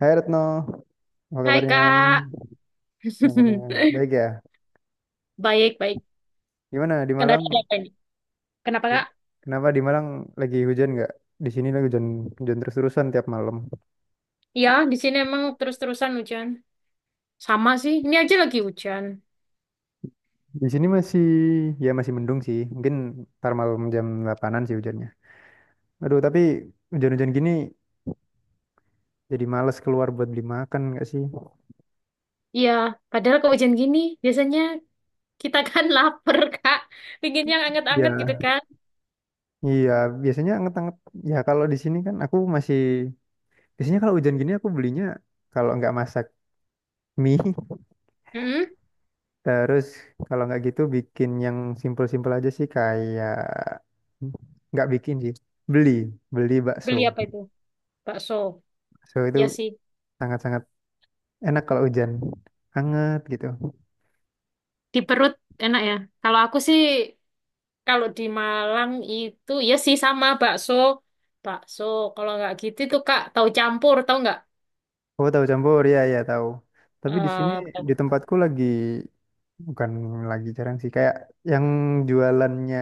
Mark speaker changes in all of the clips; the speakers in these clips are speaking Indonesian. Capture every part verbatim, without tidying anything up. Speaker 1: Hai Retno, apa
Speaker 2: Hai
Speaker 1: kabarnya?
Speaker 2: Kak.
Speaker 1: Kabarnya baik ya?
Speaker 2: Baik, baik.
Speaker 1: Gimana di
Speaker 2: Kenapa
Speaker 1: Malang?
Speaker 2: ada apa ini? Kenapa
Speaker 1: Di-
Speaker 2: Kak?
Speaker 1: Kenapa di Malang lagi hujan nggak? Di sini lagi hujan hujan terus-terusan tiap malam.
Speaker 2: Ya, di sini emang terus-terusan hujan. Sama sih, ini aja lagi hujan.
Speaker 1: Di sini masih ya masih mendung sih. Mungkin ntar malam jam delapanan-an sih hujannya. Aduh, tapi hujan-hujan gini jadi males keluar buat beli makan nggak sih?
Speaker 2: Iya, padahal kalau hujan gini, biasanya kita kan lapar Kak. Pingin yang anget-anget gitu
Speaker 1: Ya,
Speaker 2: kan.
Speaker 1: iya, biasanya anget-anget. Ya kalau di sini kan aku masih biasanya kalau hujan gini aku belinya kalau nggak masak mie,
Speaker 2: Mm-mm.
Speaker 1: Terus kalau nggak gitu bikin yang simpel-simpel aja sih kayak nggak bikin sih beli beli bakso.
Speaker 2: Beli apa itu? Bakso.
Speaker 1: Bakso itu
Speaker 2: Ya sih,
Speaker 1: sangat-sangat enak kalau hujan hangat gitu.
Speaker 2: di perut enak ya. Kalau aku sih, kalau di Malang itu, ya sih sama bakso. Bakso, kalau nggak gitu tuh Kak, tahu campur, tahu nggak?
Speaker 1: Oh, tahu campur, ya, ya tahu, tapi di sini
Speaker 2: Eh,
Speaker 1: di
Speaker 2: tahu.
Speaker 1: tempatku lagi bukan lagi jarang sih kayak yang jualannya,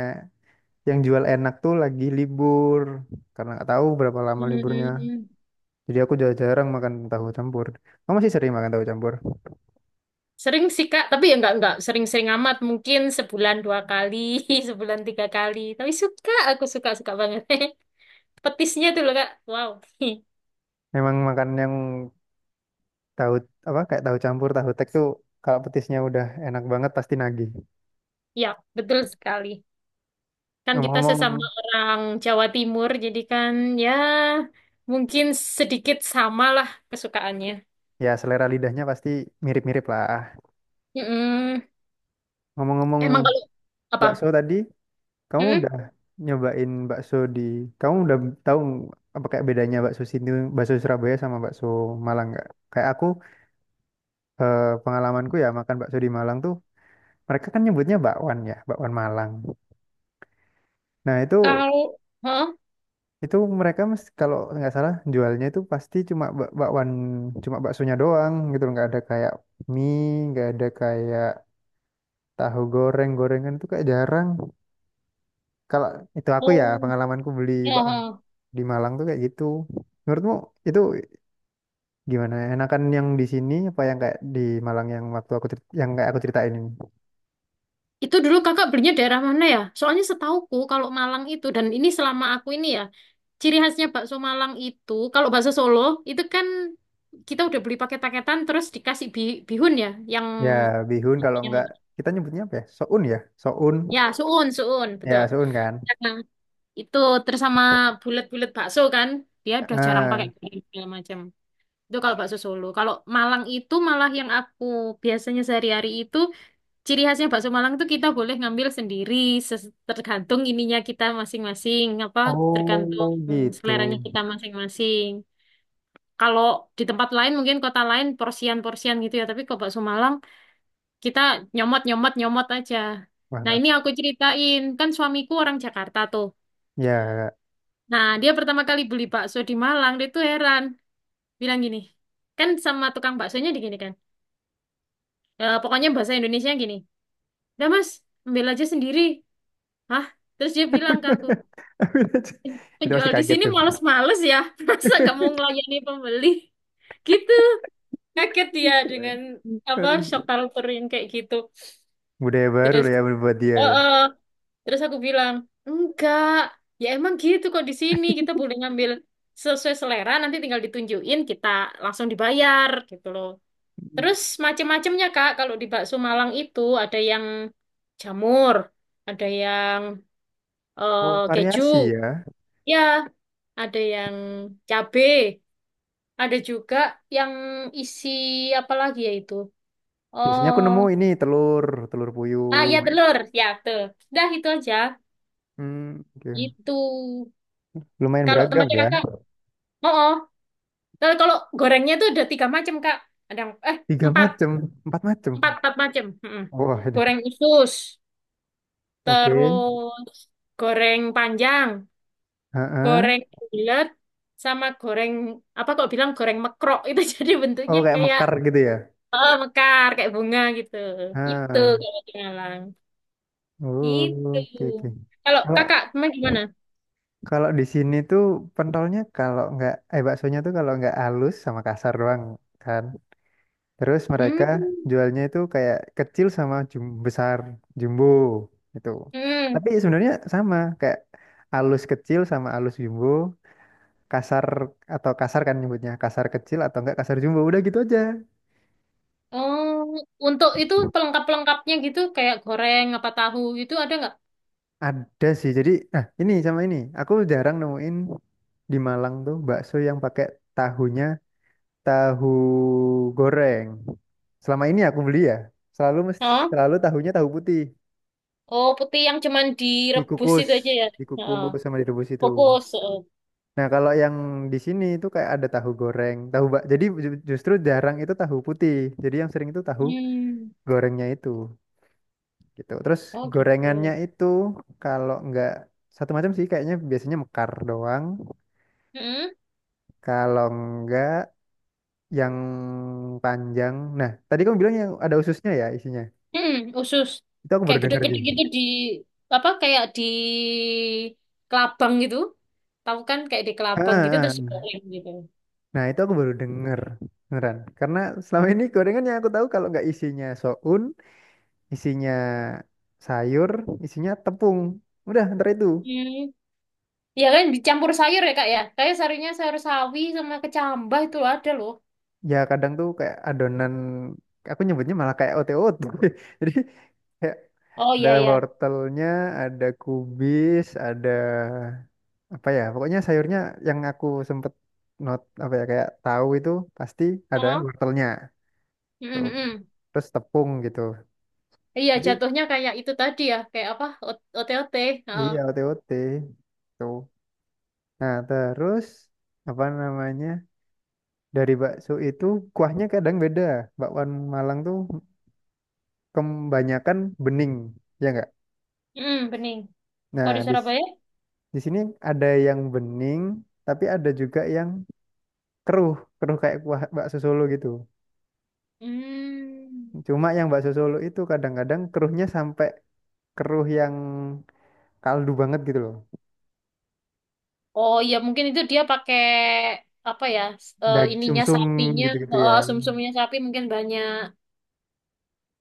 Speaker 1: yang jual enak tuh lagi libur karena nggak tahu berapa lama liburnya.
Speaker 2: Hmm.
Speaker 1: Jadi aku udah jarang makan tahu campur. Kamu masih sering makan tahu campur?
Speaker 2: Sering sih Kak, tapi ya nggak nggak sering-sering amat. Mungkin sebulan dua kali, sebulan tiga kali. Tapi suka, aku suka suka banget. Petisnya tuh loh Kak, wow.
Speaker 1: Memang makan yang tahu apa kayak tahu campur tahu tek tuh kalau petisnya udah enak banget pasti nagih.
Speaker 2: Ya, betul sekali. Kan kita sesama
Speaker 1: Ngomong-ngomong,
Speaker 2: orang Jawa Timur, jadi kan ya mungkin sedikit sama lah kesukaannya.
Speaker 1: ya, selera lidahnya pasti mirip-mirip lah.
Speaker 2: Mm-mm.
Speaker 1: Ngomong-ngomong,
Speaker 2: Emang kalau apa?
Speaker 1: bakso tadi, kamu
Speaker 2: Mm-mm.
Speaker 1: udah nyobain bakso di, kamu udah tahu apa kayak bedanya bakso sini, bakso Surabaya sama bakso Malang nggak? Kayak aku, eh, pengalamanku ya makan bakso di Malang tuh mereka kan nyebutnya bakwan, ya, bakwan Malang, nah itu.
Speaker 2: Kalau, hah?
Speaker 1: Itu mereka mes, kalau nggak salah jualnya itu pasti cuma bak- bakwan, cuma baksonya doang gitu loh. Nggak ada kayak mie, nggak ada kayak tahu goreng, gorengan itu kayak jarang. Kalau itu aku ya
Speaker 2: Oh,
Speaker 1: pengalamanku beli
Speaker 2: ya.
Speaker 1: bakwan
Speaker 2: Huh.
Speaker 1: di Malang tuh kayak gitu. Menurutmu itu gimana? Enakan yang di sini apa yang kayak di Malang yang waktu aku cerit- yang kayak aku ceritain ini?
Speaker 2: Itu dulu kakak belinya daerah mana ya? Soalnya setauku kalau Malang itu dan ini selama aku ini ya, ciri khasnya bakso Malang itu kalau bakso Solo itu kan kita udah beli paket-paketan terus dikasih bi- bihun ya, yang
Speaker 1: Ya bihun, kalau nggak
Speaker 2: yang
Speaker 1: kita nyebutnya apa ya? Soun ya, soun.
Speaker 2: ya suun suun betul.
Speaker 1: Ya soun kan.
Speaker 2: Nah, itu terus sama bulat-bulat bakso kan, dia udah jarang pakai
Speaker 1: Ah,
Speaker 2: bihun segala macam. Itu kalau bakso Solo. Kalau Malang itu malah yang aku biasanya sehari-hari itu. Ciri khasnya bakso Malang tuh kita boleh ngambil sendiri, ses- tergantung ininya kita masing-masing, apa tergantung
Speaker 1: oh gitu.
Speaker 2: seleranya kita masing-masing. Kalau di tempat lain mungkin kota lain porsian-porsian gitu ya, tapi kalau bakso Malang kita nyomot-nyomot-nyomot aja. Nah
Speaker 1: Wah,
Speaker 2: ini aku ceritain, kan suamiku orang Jakarta tuh.
Speaker 1: ya,
Speaker 2: Nah dia pertama kali beli bakso di Malang, dia tuh heran, bilang gini, kan sama tukang baksonya digini kan, "E, pokoknya bahasa Indonesia gini, udah mas, ambil aja sendiri." Hah? Terus dia bilang ke aku,
Speaker 1: itu pasti
Speaker 2: "Penjual di
Speaker 1: kaget
Speaker 2: sini
Speaker 1: tuh.
Speaker 2: males-males ya, masa nggak mau ngelayani pembeli?" Gitu, kaget dia dengan apa shock culture yang kayak gitu.
Speaker 1: Budaya baru
Speaker 2: Terus,
Speaker 1: lah ya buat dia
Speaker 2: oh,
Speaker 1: ya.
Speaker 2: oh. Terus aku bilang, enggak, ya emang gitu kok di sini kita boleh ngambil sesuai selera, nanti tinggal ditunjukin kita langsung dibayar gitu loh.
Speaker 1: Hmm.
Speaker 2: Terus macem-macemnya Kak, kalau di bakso Malang itu ada yang jamur, ada yang eh,
Speaker 1: Oh,
Speaker 2: keju,
Speaker 1: variasi ya.
Speaker 2: ya, ada yang cabe. Ada juga yang isi apa lagi ya itu?
Speaker 1: Biasanya aku
Speaker 2: Oh,
Speaker 1: nemu ini telur, telur puyuh.
Speaker 2: ah ya telur, ya tuh. Dah itu aja.
Speaker 1: Hmm, oke.
Speaker 2: Gitu.
Speaker 1: Lumayan
Speaker 2: Kalau
Speaker 1: beragam
Speaker 2: tempatnya
Speaker 1: ya.
Speaker 2: kakak, oh, oh. Tapi kalau gorengnya tuh ada tiga macam kak. Ada yang- eh
Speaker 1: Tiga
Speaker 2: empat,
Speaker 1: macem, empat macem.
Speaker 2: empat, empat macam. Mm-mm.
Speaker 1: Wah, aduh.
Speaker 2: Goreng usus,
Speaker 1: Oke.
Speaker 2: terus goreng panjang,
Speaker 1: Heeh.
Speaker 2: goreng bulat, sama goreng apa kok bilang goreng mekrok itu jadi
Speaker 1: Oh,
Speaker 2: bentuknya
Speaker 1: kayak
Speaker 2: kayak
Speaker 1: mekar gitu ya.
Speaker 2: oh, mekar kayak bunga gitu. Itu
Speaker 1: Ah,
Speaker 2: kalau di Malang. Gitu.
Speaker 1: oh, oke oke.
Speaker 2: Kalau
Speaker 1: Kalau
Speaker 2: kakak, emang gimana?
Speaker 1: kalau di sini tuh pentolnya kalau nggak eh baksonya tuh kalau nggak halus sama kasar doang kan. Terus mereka
Speaker 2: Hmm.
Speaker 1: jualnya itu kayak kecil sama jum besar, jumbo itu.
Speaker 2: Hmm.
Speaker 1: Tapi sebenarnya sama kayak alus kecil sama alus jumbo, kasar atau kasar kan nyebutnya, kasar kecil atau enggak kasar jumbo, udah gitu aja.
Speaker 2: Oh, untuk itu pelengkap-pelengkapnya gitu, kayak goreng, apa tahu itu ada nggak?
Speaker 1: Ada sih. Jadi nah ini sama ini, aku jarang nemuin di Malang tuh bakso yang pakai tahunya tahu goreng. Selama ini aku beli ya, selalu mes-
Speaker 2: Oh,
Speaker 1: selalu tahunya tahu putih
Speaker 2: oh putih yang cuman direbus
Speaker 1: dikukus,
Speaker 2: itu aja ya. Heeh.
Speaker 1: dikukus sama direbus itu.
Speaker 2: Fokus. Heeh.
Speaker 1: Nah, kalau yang di sini itu kayak ada tahu goreng, tahu bak. Jadi ju- justru jarang itu tahu putih. Jadi yang sering itu tahu
Speaker 2: Hmm.
Speaker 1: gorengnya itu gitu. Terus
Speaker 2: Oh
Speaker 1: gorengannya
Speaker 2: gitu.
Speaker 1: itu kalau nggak satu macam sih kayaknya, biasanya mekar doang.
Speaker 2: Hmm.
Speaker 1: Kalau nggak yang panjang. Nah, tadi kamu bilang yang ada ususnya ya isinya.
Speaker 2: Hmm. Usus.
Speaker 1: Itu aku baru
Speaker 2: Kayak
Speaker 1: dengar
Speaker 2: gede-gede
Speaker 1: sih.
Speaker 2: gitu di apa? Kayak di kelabang gitu. Tahu kan kayak di
Speaker 1: Ah,
Speaker 2: kelabang gitu
Speaker 1: ah,
Speaker 2: terus
Speaker 1: ah.
Speaker 2: digoreng gitu.
Speaker 1: Nah, itu aku baru denger. Beneran. Karena selama ini gorengan yang aku tahu kalau nggak isinya soun, isinya sayur, isinya tepung. Udah, ntar itu.
Speaker 2: Hmm. Ya kan dicampur sayur ya kak ya. Kayak sayurnya sayur sawi sama kecambah itu ada loh.
Speaker 1: Ya kadang tuh kayak adonan, aku nyebutnya malah kayak otot. Jadi kayak
Speaker 2: Oh
Speaker 1: ada
Speaker 2: iya iya.
Speaker 1: wortelnya, ada kubis, ada apa ya? Pokoknya sayurnya yang aku sempet not apa ya kayak tahu itu pasti ada
Speaker 2: Oh.
Speaker 1: wortelnya. Tuh.
Speaker 2: Mm-mm.
Speaker 1: Terus tepung gitu.
Speaker 2: Iya
Speaker 1: Jadi
Speaker 2: jatuhnya kayak itu tadi ya. Kayak apa? O- OTOT. Heeh.
Speaker 1: iya otot. Tuh. Nah, terus apa namanya? Dari bakso itu kuahnya kadang beda. Bakwan Malang tuh kebanyakan bening, ya nggak?
Speaker 2: Mm, bening. Kalau
Speaker 1: Nah,
Speaker 2: di
Speaker 1: di
Speaker 2: Surabaya?
Speaker 1: di sini ada yang bening, tapi ada juga yang keruh, keruh kayak kuah bakso Solo gitu.
Speaker 2: Hmm.
Speaker 1: Cuma yang bakso Solo itu kadang-kadang keruhnya sampai keruh yang kaldu banget gitu loh.
Speaker 2: Oh iya mungkin itu dia pakai apa ya? s- eh,
Speaker 1: Dag
Speaker 2: ininya
Speaker 1: sumsum
Speaker 2: sapinya,
Speaker 1: gitu-gitu ya.
Speaker 2: eh, sum-sumnya sapi mungkin banyak.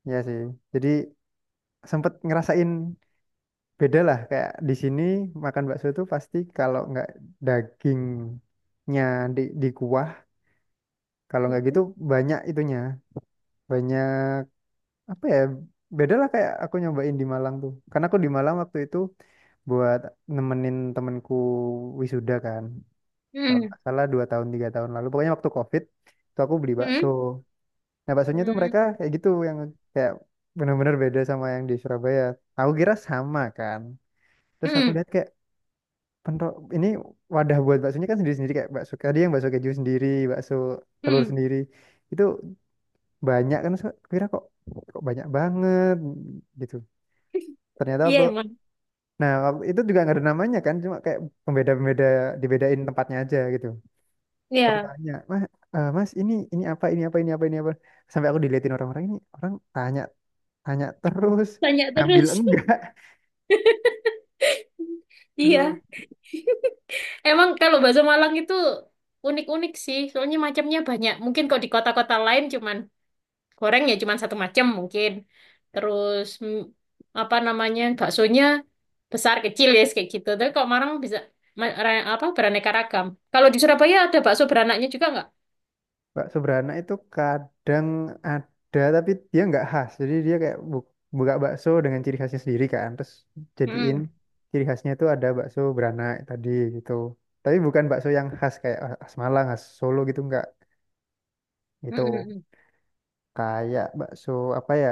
Speaker 1: Ya sih. Jadi sempet ngerasain beda lah. Kayak di sini makan bakso itu pasti kalau nggak dagingnya di di kuah, kalau nggak gitu banyak itunya, banyak apa ya, beda lah kayak aku nyobain di Malang tuh. Karena aku di Malang waktu itu buat nemenin temenku wisuda kan, kalau
Speaker 2: Hmm.
Speaker 1: nggak salah dua tahun tiga tahun lalu, pokoknya waktu COVID itu aku beli bakso.
Speaker 2: Hmm.
Speaker 1: Nah baksonya tuh
Speaker 2: Hmm.
Speaker 1: mereka kayak gitu yang kayak benar-benar beda sama yang di Surabaya. Aku kira sama kan, terus aku
Speaker 2: Hmm.
Speaker 1: lihat kayak pentok ini wadah buat baksonya kan sendiri-sendiri, kayak bakso tadi yang bakso keju sendiri, bakso telur
Speaker 2: Hmm.
Speaker 1: sendiri. Itu banyak kan so- kira kok, kok banyak banget gitu. Ternyata
Speaker 2: Iya
Speaker 1: waktu
Speaker 2: emang.
Speaker 1: nah waktu itu juga nggak ada namanya kan, cuma kayak pembeda-pembeda, dibedain tempatnya aja gitu. Terus aku
Speaker 2: Iya.
Speaker 1: tanya, "Mas, eh, Mas ini ini apa? Ini apa? Ini apa? Ini apa?" Sampai aku diliatin orang-orang ini, orang tanya tanya terus
Speaker 2: Tanya
Speaker 1: ngambil
Speaker 2: terus.
Speaker 1: enggak. Duh.
Speaker 2: Iya. Emang kalau bakso Malang itu unik-unik sih, soalnya macamnya banyak. Mungkin kalau di kota-kota lain cuman goreng ya cuman satu macam mungkin. Terus mm, apa namanya baksonya besar kecil ya kayak gitu. Tapi kalau Malang bisa ma- ra- apa beraneka ragam. Kalau di Surabaya ada bakso beranaknya juga nggak?
Speaker 1: Bakso beranak itu kadang ada tapi dia nggak khas. Jadi dia kayak bu- buka bakso dengan ciri khasnya sendiri kan. Terus jadiin
Speaker 2: Hmm.
Speaker 1: ciri khasnya itu ada bakso beranak tadi gitu. Tapi bukan bakso yang khas kayak khas Malang, khas Solo gitu nggak.
Speaker 2: Hmm,
Speaker 1: Itu
Speaker 2: hmm, hmm.
Speaker 1: kayak bakso apa ya?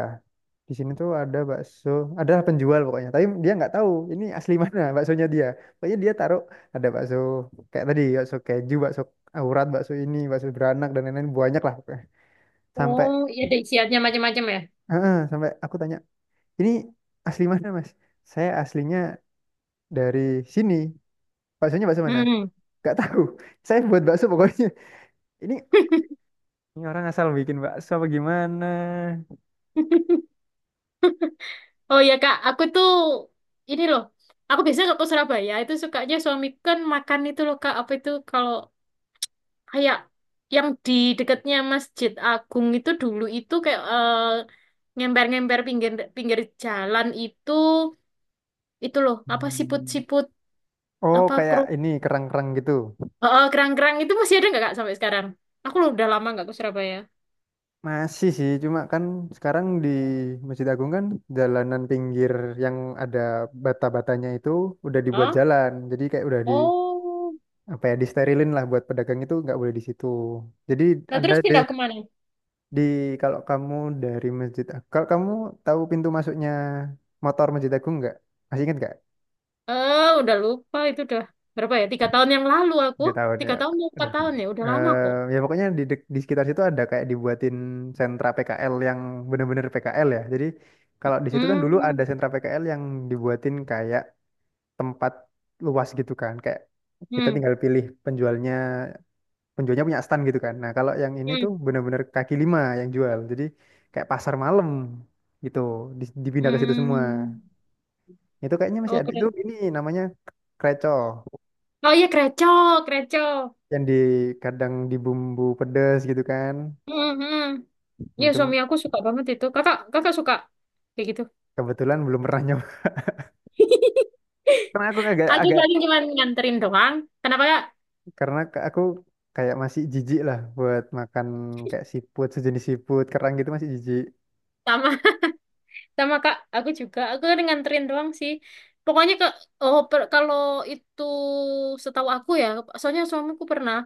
Speaker 1: Di sini tuh ada bakso, ada penjual pokoknya. Tapi dia nggak tahu ini asli mana baksonya dia. Pokoknya dia taruh ada bakso kayak tadi bakso keju, bakso aurat, bakso ini, bakso beranak dan lain-lain banyak lah. Pokoknya sampai
Speaker 2: Oh, iya ada isiannya macam-macam ya.
Speaker 1: heeh, sampai aku tanya, ini asli mana mas? Saya aslinya dari sini. Baksonya bakso mana?
Speaker 2: Hmm.
Speaker 1: Gak tahu. Saya buat bakso pokoknya. Ini, ini orang asal bikin bakso apa gimana?
Speaker 2: Oh ya Kak, aku tuh ini loh. Aku biasanya kalau ke Surabaya itu sukanya suami kan makan itu loh Kak, apa itu kalau kayak yang di dekatnya Masjid Agung itu dulu itu kayak eh, ngemper-ngemper pinggir pinggir jalan itu itu loh apa
Speaker 1: Hmm.
Speaker 2: siput-siput
Speaker 1: Oh,
Speaker 2: apa kru
Speaker 1: kayak ini kerang-kerang gitu.
Speaker 2: eh, eh, kerang-kerang itu masih ada nggak kak sampai sekarang? Aku loh udah lama nggak ke Surabaya.
Speaker 1: Masih sih, cuma kan sekarang di Masjid Agung kan jalanan pinggir yang ada bata-batanya itu udah dibuat
Speaker 2: Hah?
Speaker 1: jalan. Jadi kayak udah di
Speaker 2: Oh,
Speaker 1: apa ya, disterilin lah buat pedagang itu nggak boleh di situ. Jadi
Speaker 2: nah
Speaker 1: ada
Speaker 2: terus
Speaker 1: deh.
Speaker 2: pindah kemana?
Speaker 1: Di kalau kamu dari Masjid Agung, kalau kamu tahu pintu masuknya motor Masjid Agung nggak? Masih ingat nggak?
Speaker 2: Eh, udah lupa itu udah berapa ya? Tiga tahun yang lalu aku
Speaker 1: Nggak tahu
Speaker 2: tiga
Speaker 1: ya.
Speaker 2: tahun mau empat
Speaker 1: Aduh.
Speaker 2: tahun ya udah lama kok.
Speaker 1: Eh, ya pokoknya di, dek- di sekitar situ ada kayak dibuatin sentra P K L yang bener-bener P K L ya. Jadi kalau di situ kan dulu ada
Speaker 2: Hmm,
Speaker 1: sentra P K L yang dibuatin kayak tempat luas gitu kan. Kayak kita
Speaker 2: hmm,
Speaker 1: tinggal pilih penjualnya, penjualnya punya stand gitu kan. Nah kalau yang ini tuh
Speaker 2: hmm,
Speaker 1: bener-bener kaki lima yang jual. Jadi kayak pasar malam gitu. Di- dipindah ke situ semua.
Speaker 2: hmm.
Speaker 1: Itu kayaknya masih
Speaker 2: Oh
Speaker 1: ada. Itu
Speaker 2: keren.
Speaker 1: ini namanya kreco
Speaker 2: Oh iya Kreco, Kreco.
Speaker 1: yang di kadang di bumbu pedes gitu kan.
Speaker 2: Hmm, hmm.
Speaker 1: Itu
Speaker 2: Ya suami aku suka banget itu. Kakak, kakak suka kayak gitu.
Speaker 1: kebetulan belum pernah nyoba. Karena aku agak
Speaker 2: Aku
Speaker 1: agak,
Speaker 2: paling cuma nganterin doang. Kenapa kak?
Speaker 1: karena ke- aku kayak masih jijik lah buat makan kayak siput, sejenis siput kerang gitu, masih jijik.
Speaker 2: Sama, sama kak. Aku juga. Aku kan nganterin doang sih. Pokoknya ke, oh per- kalau itu setahu aku ya. Soalnya suamiku pernah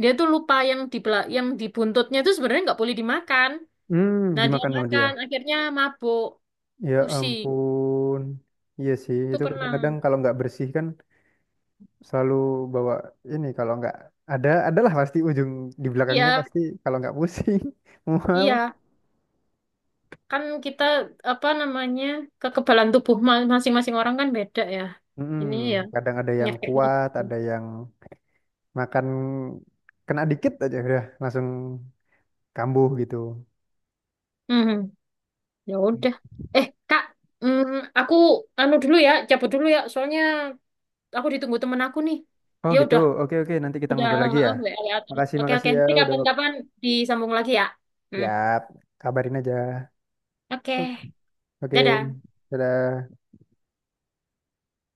Speaker 2: dia tuh lupa yang di bela- yang di buntutnya itu sebenarnya nggak boleh dimakan.
Speaker 1: Hmm,
Speaker 2: Nah dia
Speaker 1: dimakan sama dia.
Speaker 2: makan, akhirnya mabuk,
Speaker 1: Ya
Speaker 2: pusing.
Speaker 1: ampun. Iya sih,
Speaker 2: Itu
Speaker 1: itu
Speaker 2: pernah.
Speaker 1: kadang-kadang kalau nggak bersih kan selalu bawa ini kalau nggak ada adalah pasti ujung di belakangnya
Speaker 2: Iya,
Speaker 1: pasti kalau nggak pusing mual.
Speaker 2: iya. Kan kita apa namanya kekebalan tubuh ma- masing-masing orang kan beda ya
Speaker 1: Mm-mm.
Speaker 2: ini ya
Speaker 1: Kadang ada yang
Speaker 2: penyakitnya
Speaker 1: kuat,
Speaker 2: gitu.
Speaker 1: ada yang makan kena dikit aja udah langsung kambuh gitu.
Speaker 2: Mhm, ya udah eh kak mm, aku anu dulu ya cabut dulu ya soalnya aku ditunggu temen aku nih
Speaker 1: Oh
Speaker 2: dia
Speaker 1: gitu,
Speaker 2: udah
Speaker 1: oke oke nanti kita
Speaker 2: udah
Speaker 1: ngobrol lagi ya.
Speaker 2: oh, W A terus.
Speaker 1: Makasih
Speaker 2: Oke oke
Speaker 1: makasih ya
Speaker 2: nanti
Speaker 1: udah.
Speaker 2: kapan-kapan disambung lagi ya.
Speaker 1: Ya,
Speaker 2: Hmm,
Speaker 1: kabarin aja.
Speaker 2: oke
Speaker 1: Oke,
Speaker 2: dadah.
Speaker 1: dadah.